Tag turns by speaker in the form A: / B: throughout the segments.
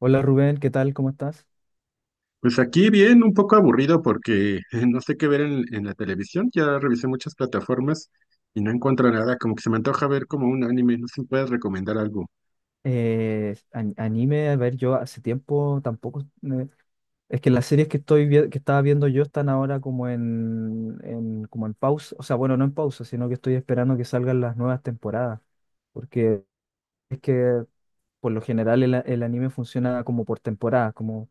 A: Hola Rubén, ¿qué tal? ¿Cómo estás?
B: Pues aquí bien, un poco aburrido porque no sé qué ver en la televisión. Ya revisé muchas plataformas y no encuentro nada. Como que se me antoja ver como un anime. No sé si me puedes recomendar algo.
A: Anime, a ver, yo hace tiempo tampoco. Es que las series que que estaba viendo yo están ahora como como en pausa, o sea, bueno, no en pausa, sino que estoy esperando que salgan las nuevas temporadas, porque es que por lo general el anime funciona como por temporadas, como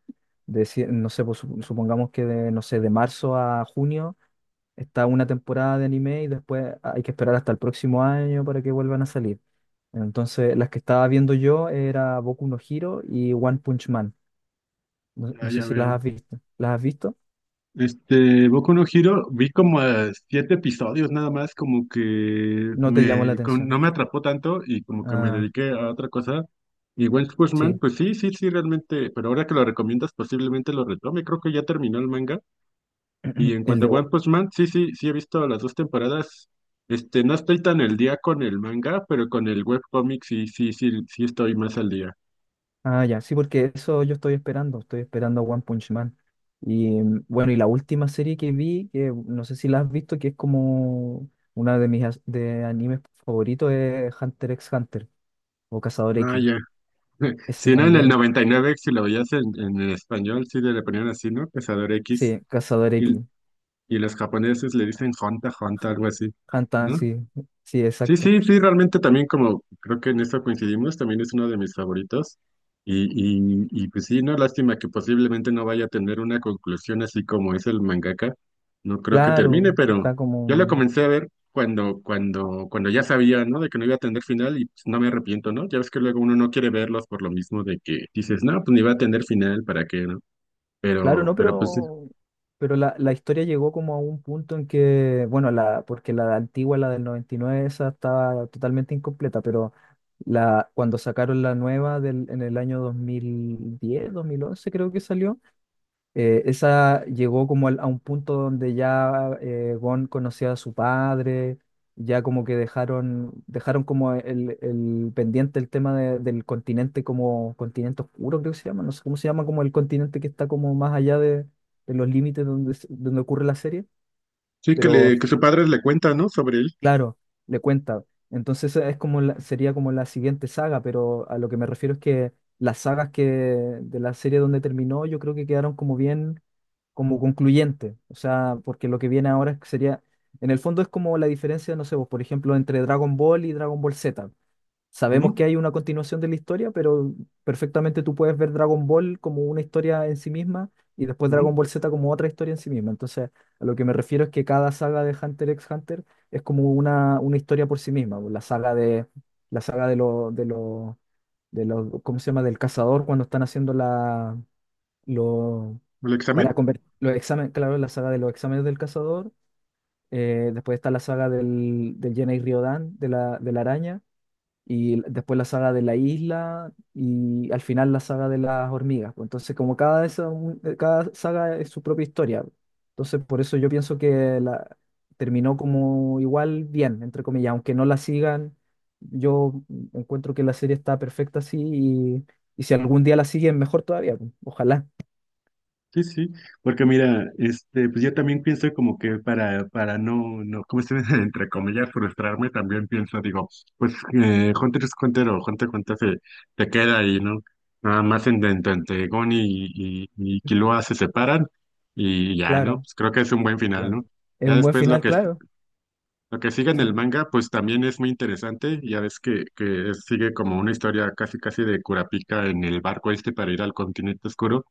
A: no sé, pues, supongamos que de, no sé, de marzo a junio. Está una temporada de anime y después hay que esperar hasta el próximo año para que vuelvan a salir. Entonces, las que estaba viendo yo era Boku no Hero y One Punch Man. No,
B: Ah,
A: no sé
B: ya
A: si las
B: veo.
A: has visto. ¿Las has visto?
B: Este, Boku no Hero, vi como siete episodios nada más, como que
A: No te llamó la
B: me, no
A: atención.
B: me atrapó tanto y como que me
A: Ah,
B: dediqué a otra cosa. Y One Punch Man,
A: sí.
B: pues sí, sí, sí, realmente, pero ahora que lo recomiendas posiblemente lo retome. Creo que ya terminó el manga. Y en
A: El
B: cuanto a
A: de... One-
B: One Punch Man, sí, sí, sí he visto las dos temporadas. Este, no estoy tan al día con el manga, pero con el webcomic sí, sí, sí, sí estoy más al día.
A: Ah, ya. Sí, porque eso yo estoy esperando. Estoy esperando a One Punch Man. Y bueno, y la última serie que vi, que no sé si la has visto, que es como una de de animes favoritos, es Hunter x Hunter o Cazador
B: Ah,
A: X.
B: ya.
A: Ese
B: Si no, en el
A: también.
B: 99 si lo veías en el español, sí le ponían así, ¿no? Cazador X.
A: Sí, Cazador
B: Y,
A: X.
B: y los japoneses le dicen Honta, Honta, algo así,
A: Hunter,
B: ¿no?
A: sí, sí,
B: Sí,
A: exacto.
B: sí, sí, realmente también como creo que en eso coincidimos, también es uno de mis favoritos. Y, y pues sí, no, lástima que posiblemente no vaya a tener una conclusión así como es el mangaka. No creo que
A: Claro,
B: termine, pero
A: está
B: yo lo
A: como.
B: comencé a ver cuando, cuando ya sabía, ¿no? De que no iba a tener final y pues, no me arrepiento, ¿no? Ya ves que luego uno no quiere verlos por lo mismo de que dices, no, pues ni va a tener final, ¿para qué, no?
A: Claro,
B: Pero,
A: no,
B: pero pues sí,
A: pero. Pero la historia llegó como a un punto en que, bueno, porque la antigua, la del 99, esa estaba totalmente incompleta, pero cuando sacaron en el año 2010, 2011, creo que salió. Esa llegó como a un punto donde ya Gon conocía a su padre, ya como que dejaron, dejaron como el pendiente el tema del continente como continente oscuro, creo que se llama, no sé cómo se llama, como el continente que está como más allá de los límites donde, donde ocurre la serie,
B: sí
A: pero
B: que su padre le cuenta, ¿no? Sobre él.
A: claro, le cuenta. Entonces es como sería como la siguiente saga, pero a lo que me refiero es que las sagas que de la serie donde terminó, yo creo que quedaron como bien, como concluyente. O sea, porque lo que viene ahora sería, en el fondo, es como la diferencia, no sé, vos, por ejemplo, entre Dragon Ball y Dragon Ball Z. Sabemos que
B: Ujú,
A: hay una continuación de la historia, pero perfectamente tú puedes ver Dragon Ball como una historia en sí misma y después Dragon
B: ujú,
A: Ball Z como otra historia en sí misma. Entonces, a lo que me refiero es que cada saga de Hunter x Hunter es como una historia por sí misma, pues. La saga de los, ¿cómo se llama? Del cazador cuando están haciendo lo,
B: el
A: para
B: examen.
A: convertir los exámenes, claro, la saga de los exámenes del cazador. Después está la saga del Jenna y Riodan, de la araña, después la saga de la isla, y al final la saga de las hormigas, pues. Entonces, como cada saga es su propia historia, pues. Entonces, por eso yo pienso que terminó como igual bien, entre comillas. Aunque no la sigan, yo encuentro que la serie está perfecta así, y si algún día la siguen, mejor todavía, pues. Ojalá,
B: Sí, sí, porque mira, este, pues yo también pienso como que para, no, no, ¿cómo se dice? Entre comillas, frustrarme, también pienso, digo, pues Hunter es Hunter o Hunter x Hunter se, queda ahí, ¿no? Nada más en, entre Gon y Killua se separan y ya, ¿no?
A: claro.
B: Pues creo que es un buen final,
A: Claro.
B: ¿no?
A: Es
B: Ya
A: un buen
B: después lo
A: final,
B: que,
A: claro.
B: lo que sigue en el
A: Sí,
B: manga, pues también es muy interesante, ya ves que sigue como una historia casi casi de Kurapika en el barco este para ir al continente oscuro.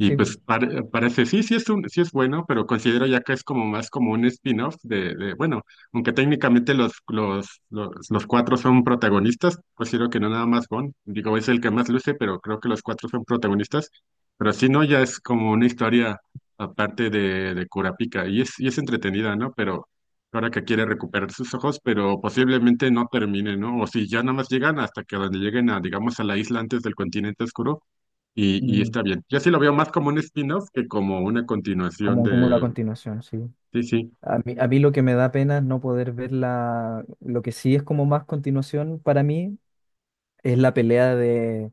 B: Y pues
A: sí.
B: parece, sí, sí es bueno, pero considero ya que es como más como un spin-off de, bueno, aunque técnicamente los cuatro son protagonistas, considero que no nada más Gon, digo, es el que más luce, pero creo que los cuatro son protagonistas, pero si no, ya es como una historia aparte de, Kurapika, y es entretenida, ¿no? Pero ahora que quiere recuperar sus ojos, pero posiblemente no termine, ¿no? O si ya nada más llegan hasta que donde lleguen a, digamos, a la isla antes del continente oscuro y
A: mm,
B: está bien. Yo sí lo veo más como un spin-off que como una continuación
A: como una
B: de.
A: continuación, sí.
B: Sí, sí.
A: A mí lo que me da pena es no poder ver la, lo que sí es como más continuación para mí es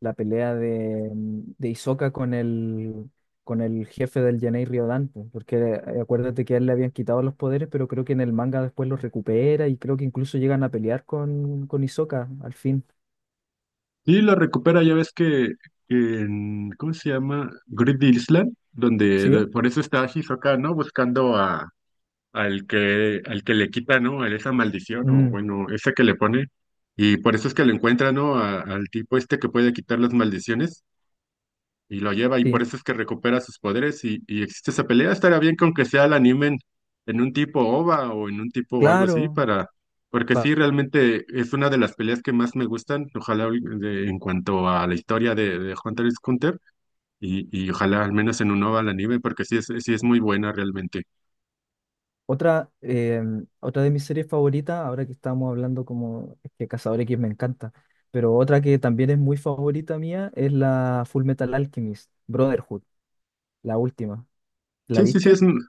A: la pelea de, de Hisoka con el jefe del Yanei Riodan, pues, porque acuérdate que a él le habían quitado los poderes, pero creo que en el manga después los recupera y creo que incluso llegan a pelear con Hisoka al fin.
B: Y lo recupera, ya ves que en. ¿Cómo se llama? Grid Island, donde
A: ¿Sí?
B: por eso está Hisoka, ¿no? Buscando al que, le quita, ¿no? A esa maldición o
A: Mm,
B: bueno, esa que le pone. Y por eso es que lo encuentra, ¿no? Al tipo este que puede quitar las maldiciones. Y lo lleva y por
A: sí.
B: eso es que recupera sus poderes y existe esa pelea. Estaría bien con que sea la animen en un tipo OVA o en un tipo o algo así
A: Claro.
B: para, porque sí, realmente es una de las peleas que más me gustan, ojalá en cuanto a la historia de, Hunter x Hunter y ojalá al menos en un OVA la anime porque sí es muy buena realmente.
A: Otra, otra de mis series favoritas, ahora que estábamos hablando como es que Cazador X me encanta, pero otra que también es muy favorita mía es la Full Metal Alchemist, Brotherhood, la última. ¿La
B: Sí, sí, sí
A: viste?
B: es.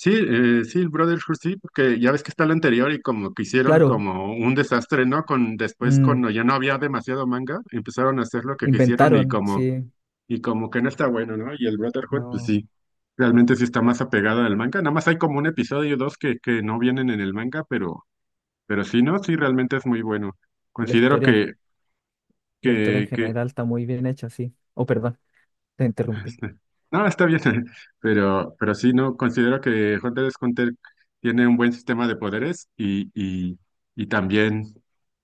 B: Sí, sí, el Brotherhood sí, porque ya ves que está el anterior y como que hicieron
A: Claro,
B: como un desastre, ¿no? Con después
A: mm,
B: cuando ya no había demasiado manga, empezaron a hacer lo que quisieron y
A: inventaron,
B: como
A: sí,
B: y como que no está bueno, ¿no? Y el Brotherhood, pues
A: no,
B: sí, realmente sí está más apegado al manga. Nada más hay como un episodio o dos que, no vienen en el manga, pero sí, ¿no? Sí, realmente es muy bueno.
A: la
B: Considero
A: historia,
B: que,
A: la historia en
B: que, que
A: general está muy bien hecha, sí. Oh, perdón, te interrumpí.
B: este, no, está bien, pero sí, no, considero que Hunter x Hunter tiene un buen sistema de poderes y también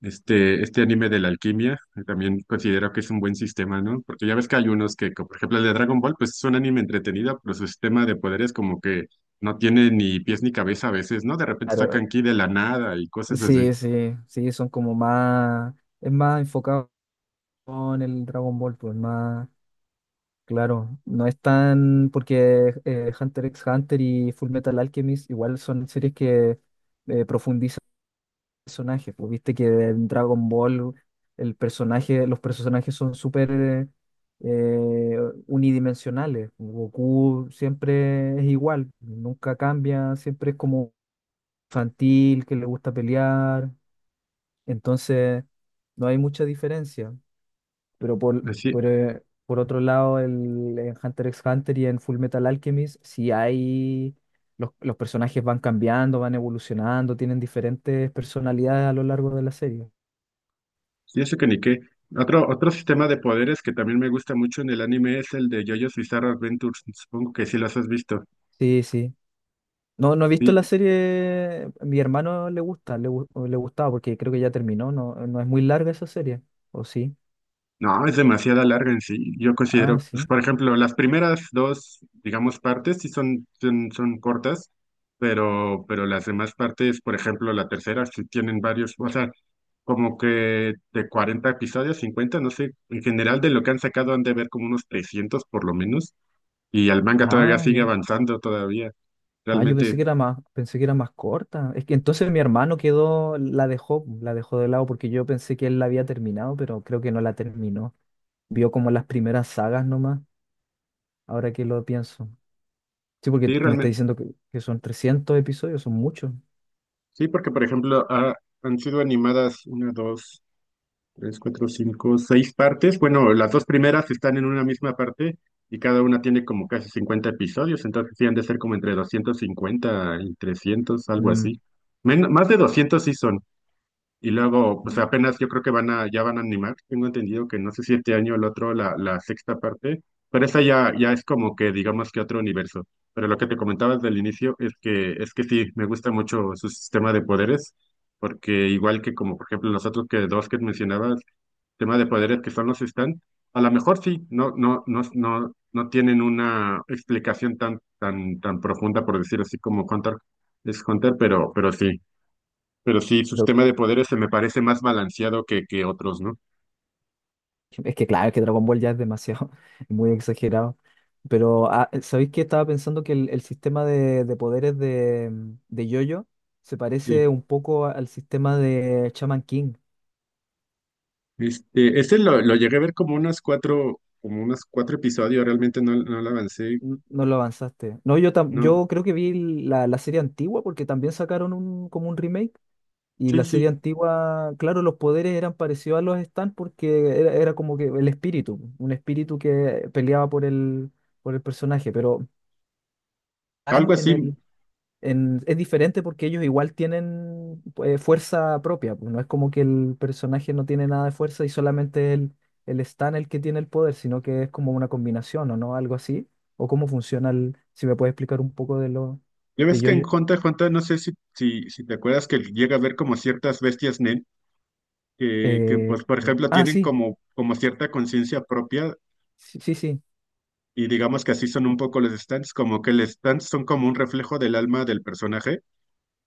B: este anime de la alquimia, también considero que es un buen sistema, ¿no? Porque ya ves que hay unos que, como por ejemplo el de Dragon Ball, pues es un anime entretenido, pero su sistema de poderes como que no tiene ni pies ni cabeza a veces, ¿no? De repente
A: Claro,
B: sacan ki de la nada y cosas así.
A: sí, sí, sí, es más enfocado en el Dragon Ball, pues más. Claro, no es tan porque Hunter x Hunter y Full Metal Alchemist igual son series que profundizan personajes. Pues viste que en Dragon Ball los personajes son súper eh, unidimensionales, pues. Goku siempre es igual, nunca cambia, siempre es como infantil, que le gusta pelear. Entonces no hay mucha diferencia. Pero
B: Así,
A: por otro lado, en Hunter x Hunter y en Full Metal Alchemist, si hay. Los personajes van cambiando, van evolucionando, tienen diferentes personalidades a lo largo de la serie.
B: y eso que ni qué. Otro sistema de poderes que también me gusta mucho en el anime es el de JoJo's Bizarre Adventures. Supongo que sí las has visto.
A: Sí, sí. No, no he visto
B: Y,
A: la serie. Mi hermano le gusta, le gustaba porque creo que ya terminó. No, no es muy larga esa serie. ¿O sí?
B: no, es demasiada larga en sí. Yo
A: Ah,
B: considero, pues,
A: sí.
B: por ejemplo, las primeras dos, digamos, partes sí son, cortas, pero las demás partes, por ejemplo, la tercera, sí tienen varios, o sea, como que de 40 episodios, 50 no sé, en general de lo que han sacado han de ver como unos 300 por lo menos, y el manga todavía
A: Ah,
B: sigue
A: ya.
B: avanzando todavía.
A: Ah, yo
B: Realmente
A: pensé que era más, pensé que era más corta. Es que entonces mi hermano quedó, la dejó de lado porque yo pensé que él la había terminado, pero creo que no la terminó. Vio como las primeras sagas nomás, ahora que lo pienso. Sí, porque
B: sí,
A: tú me estás
B: realmente.
A: diciendo que son 300 episodios, son muchos.
B: Sí, porque por ejemplo han sido animadas una, dos, tres, cuatro, cinco, seis partes. Bueno, las dos primeras están en una misma parte y cada una tiene como casi 50 episodios, entonces sí han de ser como entre 250 y 300, algo
A: Mm.
B: así. Más de 200 sí son. Y luego, pues apenas yo creo que ya van a animar. Tengo entendido que no sé si este año o el otro, la, sexta parte, pero esa ya, ya es como que digamos que otro universo. Pero lo que te comentaba desde el inicio es que sí, me gusta mucho su sistema de poderes, porque igual que como por ejemplo los otros que dos que mencionabas, tema de poderes que son los están, a lo mejor sí, no, no, no, no, no tienen una explicación tan, profunda, por decir así, como Hunter es Hunter, pero sí. Pero sí, su
A: Pero
B: sistema de poderes se me parece más balanceado que, otros, ¿no?
A: es que claro, es que Dragon Ball ya es demasiado, es muy exagerado. Pero ah, ¿sabéis que estaba pensando que el sistema de poderes de JoJo se parece
B: Sí.
A: un poco al sistema de Shaman King?
B: Este, lo llegué a ver como como unos cuatro episodios, realmente no lo avancé.
A: No lo avanzaste. No,
B: No,
A: yo creo que vi la serie antigua porque también sacaron como un remake. Y
B: sí,
A: la serie
B: sí.
A: antigua, claro, los poderes eran parecidos a los Stan porque era como que el espíritu, un espíritu que peleaba por por el personaje. Pero Stan
B: Algo así.
A: es diferente porque ellos igual tienen fuerza propia, pues, no es como que el personaje no tiene nada de fuerza y solamente el Stan el que tiene el poder, sino que es como una combinación o no, algo así, o cómo funciona el, si me puedes explicar un poco de lo
B: Ya
A: de
B: ves que
A: yo.
B: en Hunter x Hunter, no sé si, te acuerdas que llega a ver como ciertas bestias Nen, que, pues, por ejemplo,
A: Ah,
B: tienen
A: sí,
B: como cierta conciencia propia,
A: sí, sí, sí,
B: y digamos que así son un poco los stands, como que los stands son como un reflejo del alma del personaje.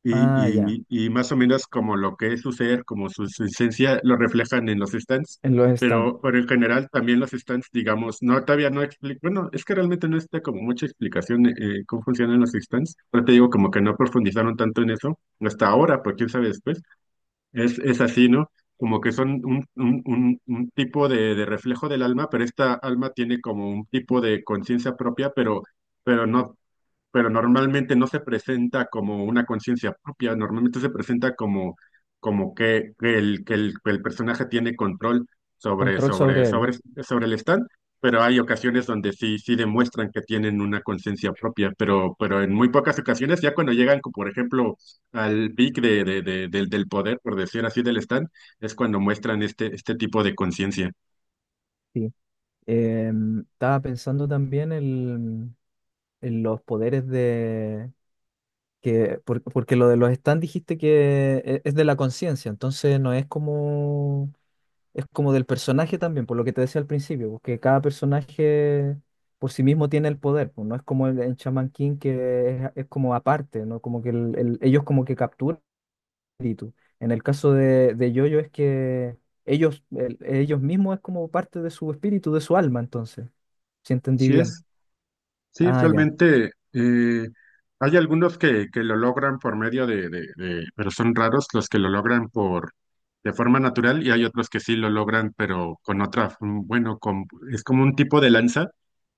B: Y,
A: ah, ya,
B: y, y más o menos como lo que es su ser, como su, esencia, lo reflejan en los stands,
A: en los Stan,
B: pero en general también los stands, digamos, no, todavía no explico, bueno, es que realmente no está como mucha explicación cómo funcionan los stands, pero te digo como que no profundizaron tanto en eso hasta ahora, porque quién sabe después, es, así, ¿no? Como que son un, tipo de reflejo del alma, pero esta alma tiene como un tipo de conciencia propia, pero no pero normalmente no se presenta como una conciencia propia, normalmente se presenta como, como que, el, que el, que el personaje tiene control sobre,
A: control
B: sobre,
A: sobre él,
B: sobre, sobre el stand, pero hay ocasiones donde sí, demuestran que tienen una conciencia propia, pero en muy pocas ocasiones, ya cuando llegan, como por ejemplo, al pic de, del poder, por decir así, del stand, es cuando muestran este tipo de conciencia.
A: sí. Estaba pensando también en los poderes de porque lo de los stands dijiste que es de la conciencia, entonces no es como, es como del personaje también, por lo que te decía al principio, porque cada personaje por sí mismo tiene el poder, pues, no es como en Shaman King, que es como aparte, ¿no? Como que ellos como que capturan el espíritu. En el caso de Yoyo es que ellos, ellos mismos es como parte de su espíritu, de su alma, entonces, si entendí
B: Sí
A: bien.
B: es. Sí,
A: Ah, ya.
B: realmente hay algunos que lo logran por medio de, pero son raros los que lo logran por de forma natural y hay otros que sí lo logran, pero con otra, bueno, con, es como un tipo de lanza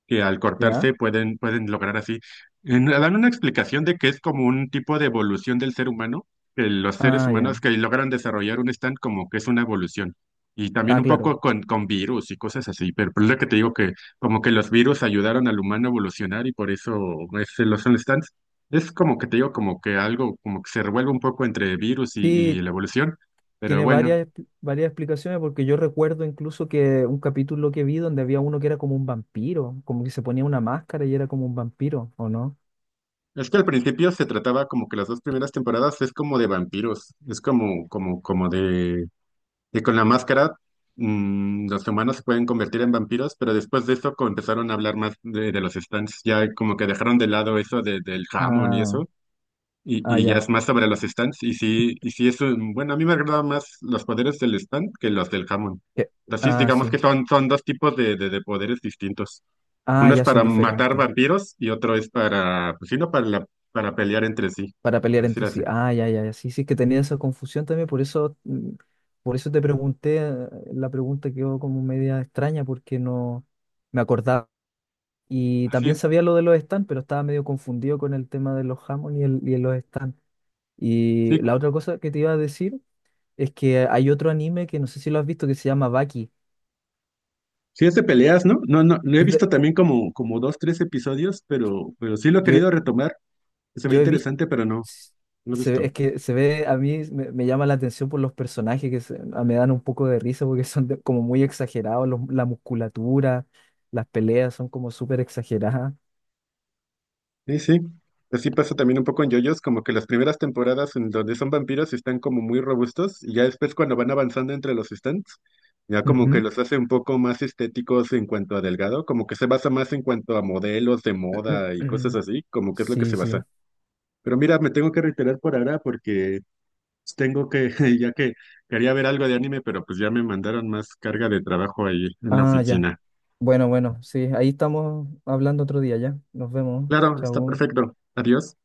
B: que al
A: ¿Ya?
B: cortarse pueden, lograr así. Dan una explicación de que es como un tipo de evolución del ser humano, que los seres
A: Ah, ya.
B: humanos que logran desarrollar un stand como que es una evolución. Y también
A: Ah,
B: un
A: claro.
B: poco con virus y cosas así, pero por lo que te digo que como que los virus ayudaron al humano a evolucionar y por eso es, los son stands. Es como que te digo como que algo como que se revuelve un poco entre virus y
A: Sí,
B: la evolución, pero
A: tiene
B: bueno.
A: varias explicaciones porque yo recuerdo incluso que un capítulo que vi donde había uno que era como un vampiro, como que se ponía una máscara y era como un vampiro, ¿o no?
B: Es que al principio se trataba como que las dos primeras temporadas es como de vampiros, es como, de que con la máscara los humanos se pueden convertir en vampiros, pero después de eso empezaron a hablar más de, los stands, ya como que dejaron de lado eso del jamón y
A: Ah,
B: eso,
A: ah,
B: y ya
A: ya.
B: es más sobre los stands, y sí es bueno, a mí me agradan más los poderes del stand que los del jamón.
A: Que-
B: Así es,
A: Ah,
B: digamos que
A: sí.
B: son, dos tipos de poderes distintos.
A: Ah,
B: Uno es
A: ya son
B: para matar
A: diferentes
B: vampiros y otro es para, pues sí, no, para, para pelear entre sí,
A: para
B: por
A: pelear
B: decir
A: entre
B: así.
A: sí. Ah, ya, ya, ya. Sí, sí, es que tenía esa confusión también, por eso, por eso te pregunté, la pregunta quedó como media extraña porque no me acordaba. Y
B: Así
A: también
B: es.
A: sabía lo de los stands, pero estaba medio confundido con el tema de los jamón y, y los stands. Y
B: Sí,
A: la otra cosa que te iba a decir es que hay otro anime que no sé si lo has visto que se llama Baki.
B: sí es de peleas, ¿no? No, no, lo he
A: Es de,
B: visto también
A: un-
B: como, dos, tres episodios, pero sí lo he
A: yo,
B: querido retomar. Se ve
A: yo he visto,
B: interesante, pero no, no lo he
A: es
B: visto.
A: que se ve, a mí me llama la atención por los personajes me dan un poco de risa porque son como muy exagerados, la musculatura, las peleas son como súper exageradas.
B: Sí, sí. Así pasa también un poco en JoJo's, como que las primeras temporadas en donde son vampiros están como muy robustos y ya después cuando van avanzando entre los stands, ya como que
A: Ujú.
B: los hace un poco más estéticos en cuanto a delgado, como que se basa más en cuanto a modelos de moda y cosas así, como que es lo que se
A: Sí,
B: basa.
A: sí.
B: Pero mira, me tengo que reiterar por ahora porque tengo que, ya que quería ver algo de anime, pero pues ya me mandaron más carga de trabajo ahí en la
A: Ah, ya.
B: oficina.
A: Bueno, bueno, sí, ahí estamos hablando otro día ya. Nos vemos.
B: Claro, está
A: Chao.
B: perfecto. Adiós.